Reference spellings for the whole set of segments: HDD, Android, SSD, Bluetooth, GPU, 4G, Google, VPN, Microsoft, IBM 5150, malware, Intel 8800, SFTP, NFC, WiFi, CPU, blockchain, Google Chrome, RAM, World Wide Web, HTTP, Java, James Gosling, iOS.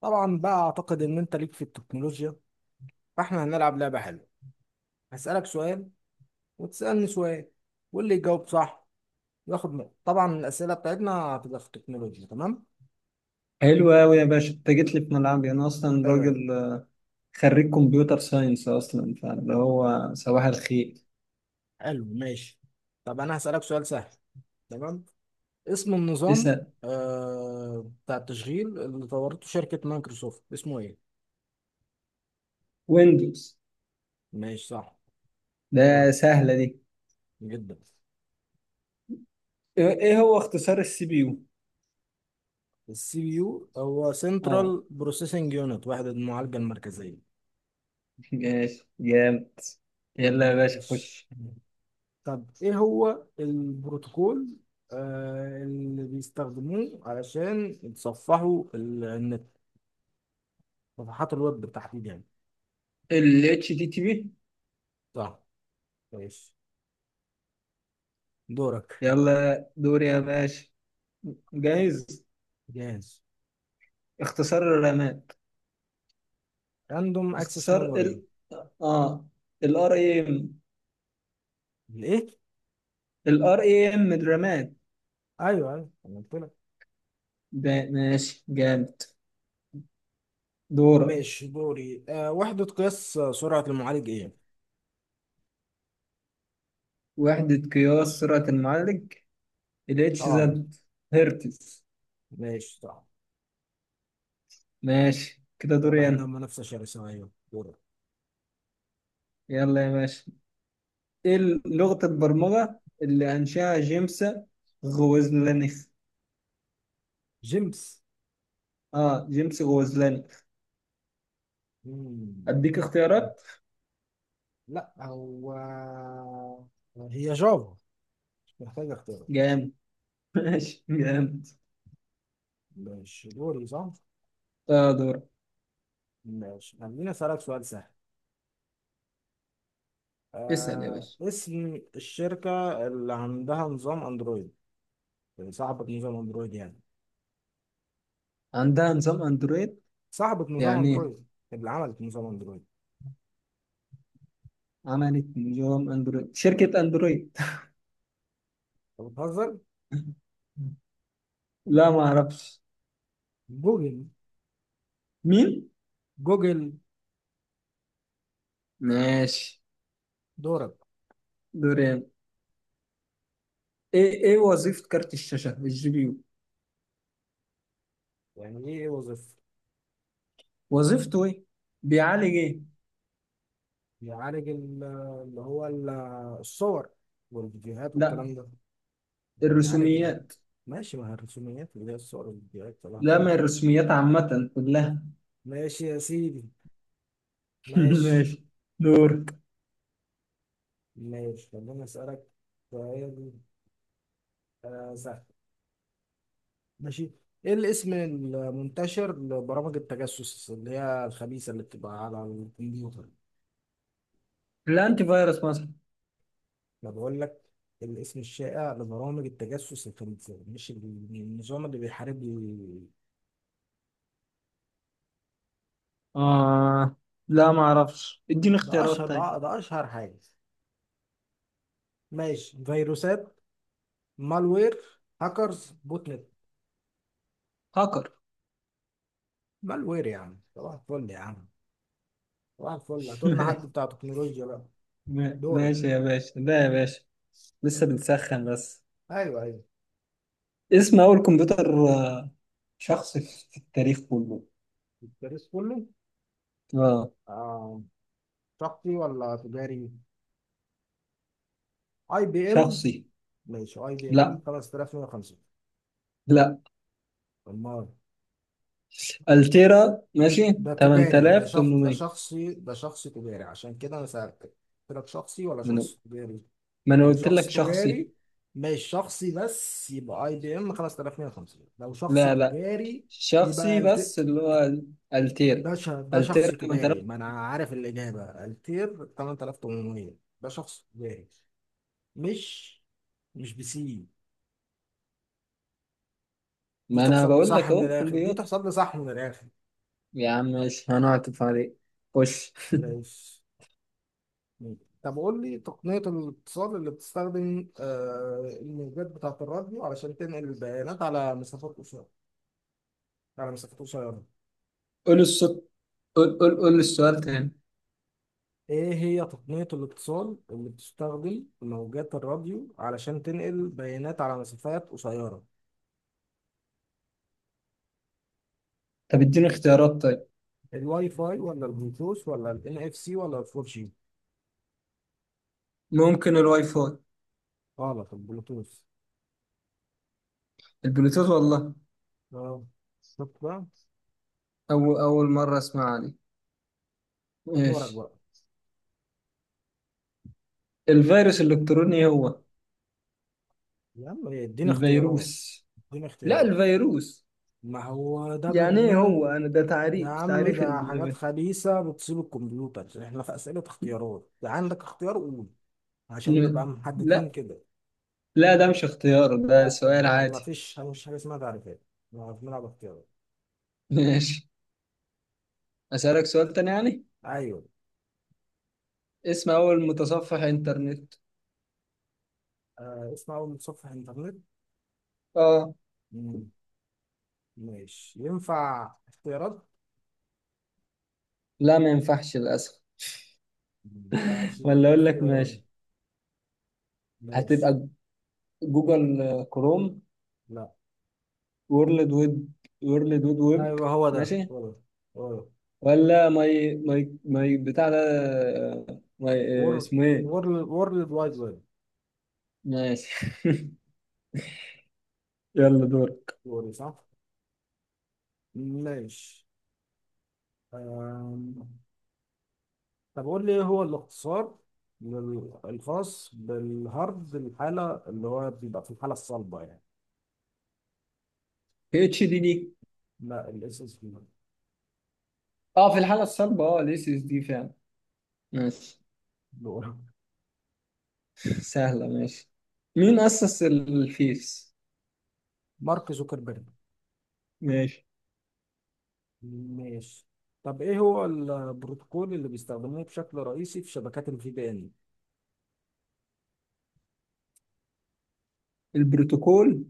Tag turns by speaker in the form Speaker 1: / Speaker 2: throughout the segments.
Speaker 1: طبعا بقى اعتقد ان انت ليك في التكنولوجيا، فاحنا هنلعب لعبة حلوة. هسألك سؤال وتسألني سؤال، واللي يجاوب صح ياخد نقطة. طبعا الأسئلة بتاعتنا هتبقى في التكنولوجيا. تمام.
Speaker 2: حلو قوي يا باشا، انت جيت لي في ملعبي. انا اصلا راجل
Speaker 1: تمام.
Speaker 2: خريج كمبيوتر ساينس، اصلا فاللي هو صباح الخير.
Speaker 1: حلو، ماشي. طب انا هسألك سؤال سهل. تمام. اسم النظام
Speaker 2: اسال.
Speaker 1: بتاع التشغيل اللي طورته شركة مايكروسوفت اسمه ايه؟
Speaker 2: ويندوز.
Speaker 1: ماشي، صح.
Speaker 2: ده
Speaker 1: دورك.
Speaker 2: سهله دي.
Speaker 1: جدا.
Speaker 2: إيه هو اختصار السي بي يو؟
Speaker 1: السي بي يو هو
Speaker 2: اه،
Speaker 1: سنترال بروسيسنج يونت، وحدة المعالجة المركزية.
Speaker 2: ماشي جامد. يلا يا باشا
Speaker 1: ماشي.
Speaker 2: خش.
Speaker 1: طب ايه هو البروتوكول اللي بيستخدموه علشان يتصفحوا النت؟ صفحات الويب بالتحديد يعني.
Speaker 2: ال اتش تي تي بي.
Speaker 1: صح. ماشي. دورك.
Speaker 2: يلا دوري يا باشا، جاهز.
Speaker 1: جاهز.
Speaker 2: اختصار الرامات.
Speaker 1: راندوم اكسس
Speaker 2: اختصار ال
Speaker 1: ميموري.
Speaker 2: اه الار اي ام.
Speaker 1: الايه؟
Speaker 2: الار اي ام، الرامات.
Speaker 1: ايوه ايوه، أنا قلت لك.
Speaker 2: ده ماشي جامد. دورك.
Speaker 1: ماشي، دوري. وحدة قياس سرعة المعالج ايه؟
Speaker 2: وحدة قياس سرعة المعالج ال اتش
Speaker 1: اه.
Speaker 2: زد. هرتز.
Speaker 1: ماشي، صح.
Speaker 2: ماشي كده،
Speaker 1: واضح
Speaker 2: دوري
Speaker 1: انها
Speaker 2: أنا.
Speaker 1: منافسة شرسة. ايوه، دورك.
Speaker 2: يلا يا باشا، إيه لغة البرمجة اللي أنشأها جيمس غوزلانيخ؟
Speaker 1: جيمس.
Speaker 2: جيمس غوزلانيخ.
Speaker 1: مم.
Speaker 2: أديك اختيارات.
Speaker 1: لا هو، هي جافا. مش محتاج اختيارات.
Speaker 2: جامد. ماشي جامد.
Speaker 1: ماشي، دوري صح؟
Speaker 2: آه، دور.
Speaker 1: ماشي، خليني أسألك سؤال سهل.
Speaker 2: اسأل يا باشا.
Speaker 1: اسم الشركة اللي عندها نظام أندرويد. اللي صاحبة نظام أندرويد يعني.
Speaker 2: عندها نظام أندرويد
Speaker 1: صاحبة نظام
Speaker 2: يعني إيه؟
Speaker 1: أندرويد. اللي عملت نظام أندرويد.
Speaker 2: عملت نظام أندرويد شركة أندرويد.
Speaker 1: أنت بتهزر؟
Speaker 2: لا، ما أعرفش.
Speaker 1: جوجل.
Speaker 2: مين؟
Speaker 1: جوجل.
Speaker 2: ماشي.
Speaker 1: دورك.
Speaker 2: دوري أنا. ايه وظيفة كارت الشاشة الجي بي يو؟
Speaker 1: يعني إيه وظيفة؟
Speaker 2: وظيفته ايه؟ بيعالج ايه؟
Speaker 1: بيعالج اللي هو الصور والفيديوهات والكلام
Speaker 2: لا.
Speaker 1: ده. بيعالج.
Speaker 2: الرسوميات.
Speaker 1: ماشي، مع الرسوميات اللي هي الصور والفيديوهات، طلع
Speaker 2: لا،
Speaker 1: فيلم.
Speaker 2: ما الرسوميات عامة كلها.
Speaker 1: ماشي يا سيدي. ماشي.
Speaker 2: ماشي. دور.
Speaker 1: ماشي، خليني أسألك سؤال سهل. ماشي. إيه الاسم المنتشر لبرامج التجسس اللي هي الخبيثة اللي بتبقى على الكمبيوتر؟
Speaker 2: الانتي فيروس مثلا.
Speaker 1: أنا بقول لك، الاسم الشائع لبرامج التجسس الخبيثة، مش النظام اللي بيحارب.
Speaker 2: اه، لا ما اعرفش، اديني
Speaker 1: ده أشهر،
Speaker 2: اختيارات تاني.
Speaker 1: ده أشهر حاجة. ماشي، فيروسات، مالوير، هاكرز، بوت نت.
Speaker 2: هاكر.
Speaker 1: مالوير يعني، صباح الفل يا عم. صباح الفل، هتقولنا حد بتاع تكنولوجيا بقى. دورك.
Speaker 2: ماشي يا باشا، ده يا باشا لسه بنسخن بس.
Speaker 1: أيوه أيوه.
Speaker 2: اسم اول كمبيوتر شخصي في التاريخ كله.
Speaker 1: التاريخ كله.
Speaker 2: اه.
Speaker 1: آه، شخصي ولا تجاري؟ اي بي ام.
Speaker 2: شخصي.
Speaker 1: ماشي، اي بي
Speaker 2: لا
Speaker 1: ام 5150.
Speaker 2: لا،
Speaker 1: امال؟
Speaker 2: التيرا. ماشي.
Speaker 1: ده تجاري، ده شخص، ده
Speaker 2: 8800.
Speaker 1: شخصي، ده شخص تجاري عشان كده انا سألتك. قلت لك شخصي ولا
Speaker 2: من ما انا
Speaker 1: شخص تجاري.
Speaker 2: ما أنا
Speaker 1: لو
Speaker 2: قلت لك
Speaker 1: شخص
Speaker 2: شخصي.
Speaker 1: تجاري. ماشي شخصي بس يبقى اي بي ام 5150، لو شخص
Speaker 2: لا لا،
Speaker 1: تجاري يبقى
Speaker 2: شخصي بس
Speaker 1: الت...
Speaker 2: اللي هو التيرا
Speaker 1: ده شخص
Speaker 2: التيرا
Speaker 1: تجاري،
Speaker 2: 8000.
Speaker 1: ما انا عارف الاجابه، التير 8800. ده شخص تجاري. مش مش بسي. دي
Speaker 2: ما انا
Speaker 1: تحسب لي
Speaker 2: بقول
Speaker 1: صح
Speaker 2: لك
Speaker 1: من
Speaker 2: اهو
Speaker 1: الاخر، دي
Speaker 2: كمبيوتر.
Speaker 1: تحسب لي صح من الاخر.
Speaker 2: يا عم ماشي، هنعطف عليك. خش.
Speaker 1: ماشي. طب قول لي تقنية الاتصال اللي بتستخدم الموجات بتاعة الراديو علشان تنقل البيانات على مسافات قصيرة، على مسافات قصيرة.
Speaker 2: قول الصوت. قول السؤال تاني.
Speaker 1: ايه هي تقنية الاتصال اللي بتستخدم موجات الراديو علشان تنقل بيانات على مسافات قصيرة؟
Speaker 2: طب اديني اختيارات طيب.
Speaker 1: الواي فاي ولا البلوتوث ولا الان اف سي ولا الفور جي؟
Speaker 2: ممكن الواي فاي.
Speaker 1: غلط، البلوتوث.
Speaker 2: البلوتوث والله.
Speaker 1: اه. شوف بقى.
Speaker 2: أول مرة أسمع دي.
Speaker 1: دورك
Speaker 2: ماشي.
Speaker 1: بقى.
Speaker 2: الفيروس الإلكتروني هو.
Speaker 1: يا عم اديني اختيارات.
Speaker 2: الفيروس.
Speaker 1: اديني
Speaker 2: لا
Speaker 1: اختيارات.
Speaker 2: الفيروس.
Speaker 1: ما هو ده
Speaker 2: يعني ايه هو؟
Speaker 1: برنامج.
Speaker 2: انا ده
Speaker 1: يا
Speaker 2: تعريف
Speaker 1: عم
Speaker 2: تعريف
Speaker 1: ده حاجات خبيثة بتصيب الكمبيوتر، احنا في أسئلة اختيارات، ده عندك اختيار قول، عشان
Speaker 2: ال-
Speaker 1: نبقى محددين
Speaker 2: لا
Speaker 1: كده.
Speaker 2: لا، ده مش اختيار، ده
Speaker 1: لا
Speaker 2: سؤال
Speaker 1: ده ما
Speaker 2: عادي.
Speaker 1: فيش، مش حاجة اسمها تعريفات. ما بنلعب اختيارات.
Speaker 2: ماشي. اسالك سؤال تاني يعني.
Speaker 1: أيوه.
Speaker 2: اسم اول متصفح انترنت.
Speaker 1: اسمع أول صفحة إنترنت.
Speaker 2: اه.
Speaker 1: مم. ماشي، ينفع اختيارات؟
Speaker 2: لا، ما ينفعش للاسف.
Speaker 1: ما ينفعش
Speaker 2: ولا اقول لك
Speaker 1: اختيارات.
Speaker 2: ماشي.
Speaker 1: ماشي.
Speaker 2: هتبقى جوجل كروم.
Speaker 1: لا.
Speaker 2: وورلد ويب. وورلد ويب ويب.
Speaker 1: أيوه هو ده،
Speaker 2: ماشي.
Speaker 1: هو ده، هو ده.
Speaker 2: ولا ماي ماي بتاع ده. ماي اسمه ايه؟
Speaker 1: وورلد وورلد وايد
Speaker 2: ماشي. يلا دورك.
Speaker 1: ويب، صح؟ ماشي. آه. طب قول لي ايه هو الاختصار الخاص بالهارد الحالة، اللي هو بيبقى في الحالة الصلبة يعني.
Speaker 2: اتش دي دي.
Speaker 1: لا، الاس اس بي.
Speaker 2: اه، في الحاله الصلبه، الاس اس دي فعلا. ماشي. سهلة، ماشي. مين أسس الفيس؟
Speaker 1: مارك زوكربيرج.
Speaker 2: ماشي.
Speaker 1: ماشي. طب ايه هو البروتوكول اللي بيستخدموه بشكل رئيسي في شبكات الفي بي ان،
Speaker 2: البروتوكول.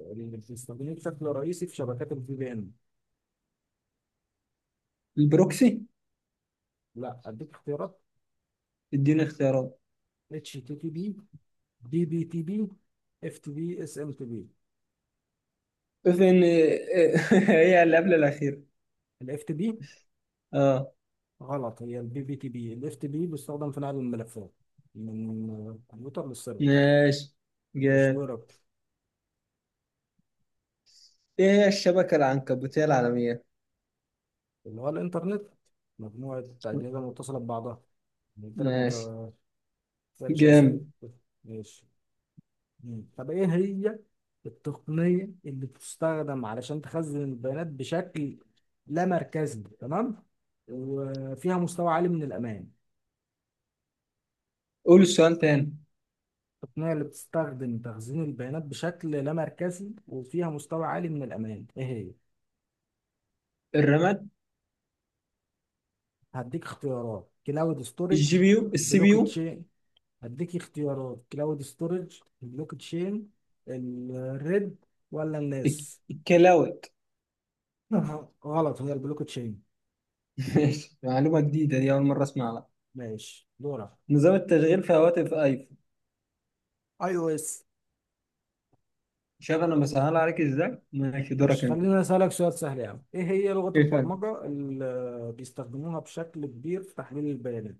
Speaker 1: اللي بيستخدموه بشكل رئيسي في شبكات الفي بي ان؟
Speaker 2: البروكسي.
Speaker 1: لا اديك اختيارات.
Speaker 2: اديني اختيارات.
Speaker 1: اتش تي تي بي، دي بي تي بي، اف تي بي، اس ام تي بي.
Speaker 2: فين؟ هي اللي قبل الأخيرة.
Speaker 1: الاف تي بي.
Speaker 2: اه.
Speaker 1: غلط، هي البي بي تي بي، الاف تي بي بيستخدم في نقل الملفات من الكمبيوتر للسيرفر،
Speaker 2: ماشي
Speaker 1: مش
Speaker 2: جامد.
Speaker 1: دايركت.
Speaker 2: ايه هي الشبكة العنكبوتية العالمية؟
Speaker 1: اللي هو الانترنت، مجموعة أجهزة متصلة ببعضها. يعني قلت لك
Speaker 2: ماشي
Speaker 1: ما تسألش أسئلة.
Speaker 2: جامد.
Speaker 1: ماشي. مم. طب إيه هي التقنية اللي بتستخدم علشان تخزن البيانات بشكل لا مركزي، تمام، وفيها مستوى عالي من الأمان.
Speaker 2: قول السؤال تاني.
Speaker 1: التقنية اللي بتستخدم تخزين البيانات بشكل لا مركزي وفيها مستوى عالي من الأمان، إيه هي؟
Speaker 2: الرماد.
Speaker 1: هديك اختيارات، كلاود
Speaker 2: الجي
Speaker 1: ستورج،
Speaker 2: بي يو، السي بي
Speaker 1: بلوك
Speaker 2: يو.
Speaker 1: تشين. هديك اختيارات، كلاود ستورج، البلوك تشين، الريد، ولا الناس؟
Speaker 2: الكلاود.
Speaker 1: غلط، هي البلوك تشين.
Speaker 2: ماشي، معلومة جديدة دي، أول مرة أسمعها.
Speaker 1: ماشي، دورك.
Speaker 2: نظام التشغيل في هواتف ايفون.
Speaker 1: اي او اس.
Speaker 2: شوف أنا بسهل عليك ازاي. ماشي دورك
Speaker 1: ماشي،
Speaker 2: انت.
Speaker 1: خلينا اسالك سؤال سهل يعني، ايه هي لغة
Speaker 2: ايه تاني؟
Speaker 1: البرمجة اللي بيستخدموها بشكل كبير في تحليل البيانات؟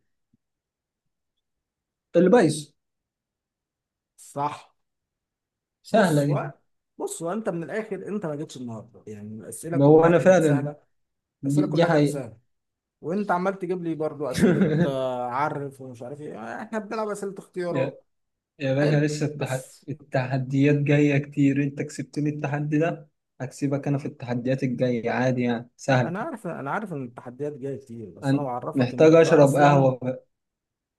Speaker 2: البايس.
Speaker 1: صح.
Speaker 2: سهلة
Speaker 1: بص
Speaker 2: دي.
Speaker 1: هو بص هو انت من الاخر، انت ما جيتش النهارده يعني، الاسئله
Speaker 2: ما هو
Speaker 1: كلها
Speaker 2: انا
Speaker 1: كانت
Speaker 2: فعلا،
Speaker 1: سهله. الاسئله
Speaker 2: دي
Speaker 1: كلها كانت
Speaker 2: حقيقة.
Speaker 1: سهله. وانت عمال تجيب لي برضو اسئله عرف ومش عارف ايه، احنا بنلعب اسئله
Speaker 2: يا
Speaker 1: اختيارات.
Speaker 2: يا باشا،
Speaker 1: حلو،
Speaker 2: لسه
Speaker 1: بس.
Speaker 2: التحديات جاية كتير. انت كسبتني التحدي ده. هكسبك انا في التحديات الجاية، عادي يعني سهل.
Speaker 1: انا عارف ان التحديات جايه كتير، بس انا
Speaker 2: انا
Speaker 1: بعرفك ان
Speaker 2: محتاج
Speaker 1: انت
Speaker 2: اشرب
Speaker 1: اصلا.
Speaker 2: قهوة بقى.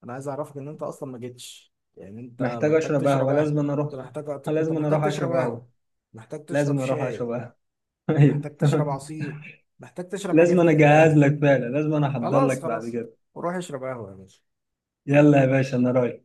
Speaker 1: انا عايز اعرفك ان انت اصلا ما جيتش يعني. انت
Speaker 2: محتاج
Speaker 1: محتاج
Speaker 2: اشرب
Speaker 1: تشرب
Speaker 2: قهوة، لازم
Speaker 1: قهوه.
Speaker 2: انا اروح.
Speaker 1: انت محتاج انت
Speaker 2: لازم انا
Speaker 1: محتاج
Speaker 2: اروح
Speaker 1: تشرب
Speaker 2: اشرب
Speaker 1: قهوه.
Speaker 2: قهوة.
Speaker 1: محتاج تشرب
Speaker 2: لازم اروح اشرب
Speaker 1: شاي،
Speaker 2: قهوة. ايوه.
Speaker 1: ومحتاج تشرب عصير، محتاج تشرب
Speaker 2: لازم
Speaker 1: حاجات
Speaker 2: انا
Speaker 1: كتير
Speaker 2: اجهز
Speaker 1: قوي.
Speaker 2: لك فعلا، لازم انا احضر
Speaker 1: خلاص،
Speaker 2: لك بعد
Speaker 1: خلاص.
Speaker 2: كده.
Speaker 1: روح اشرب قهوه يا باشا.
Speaker 2: يلا يا باشا، انا رايح.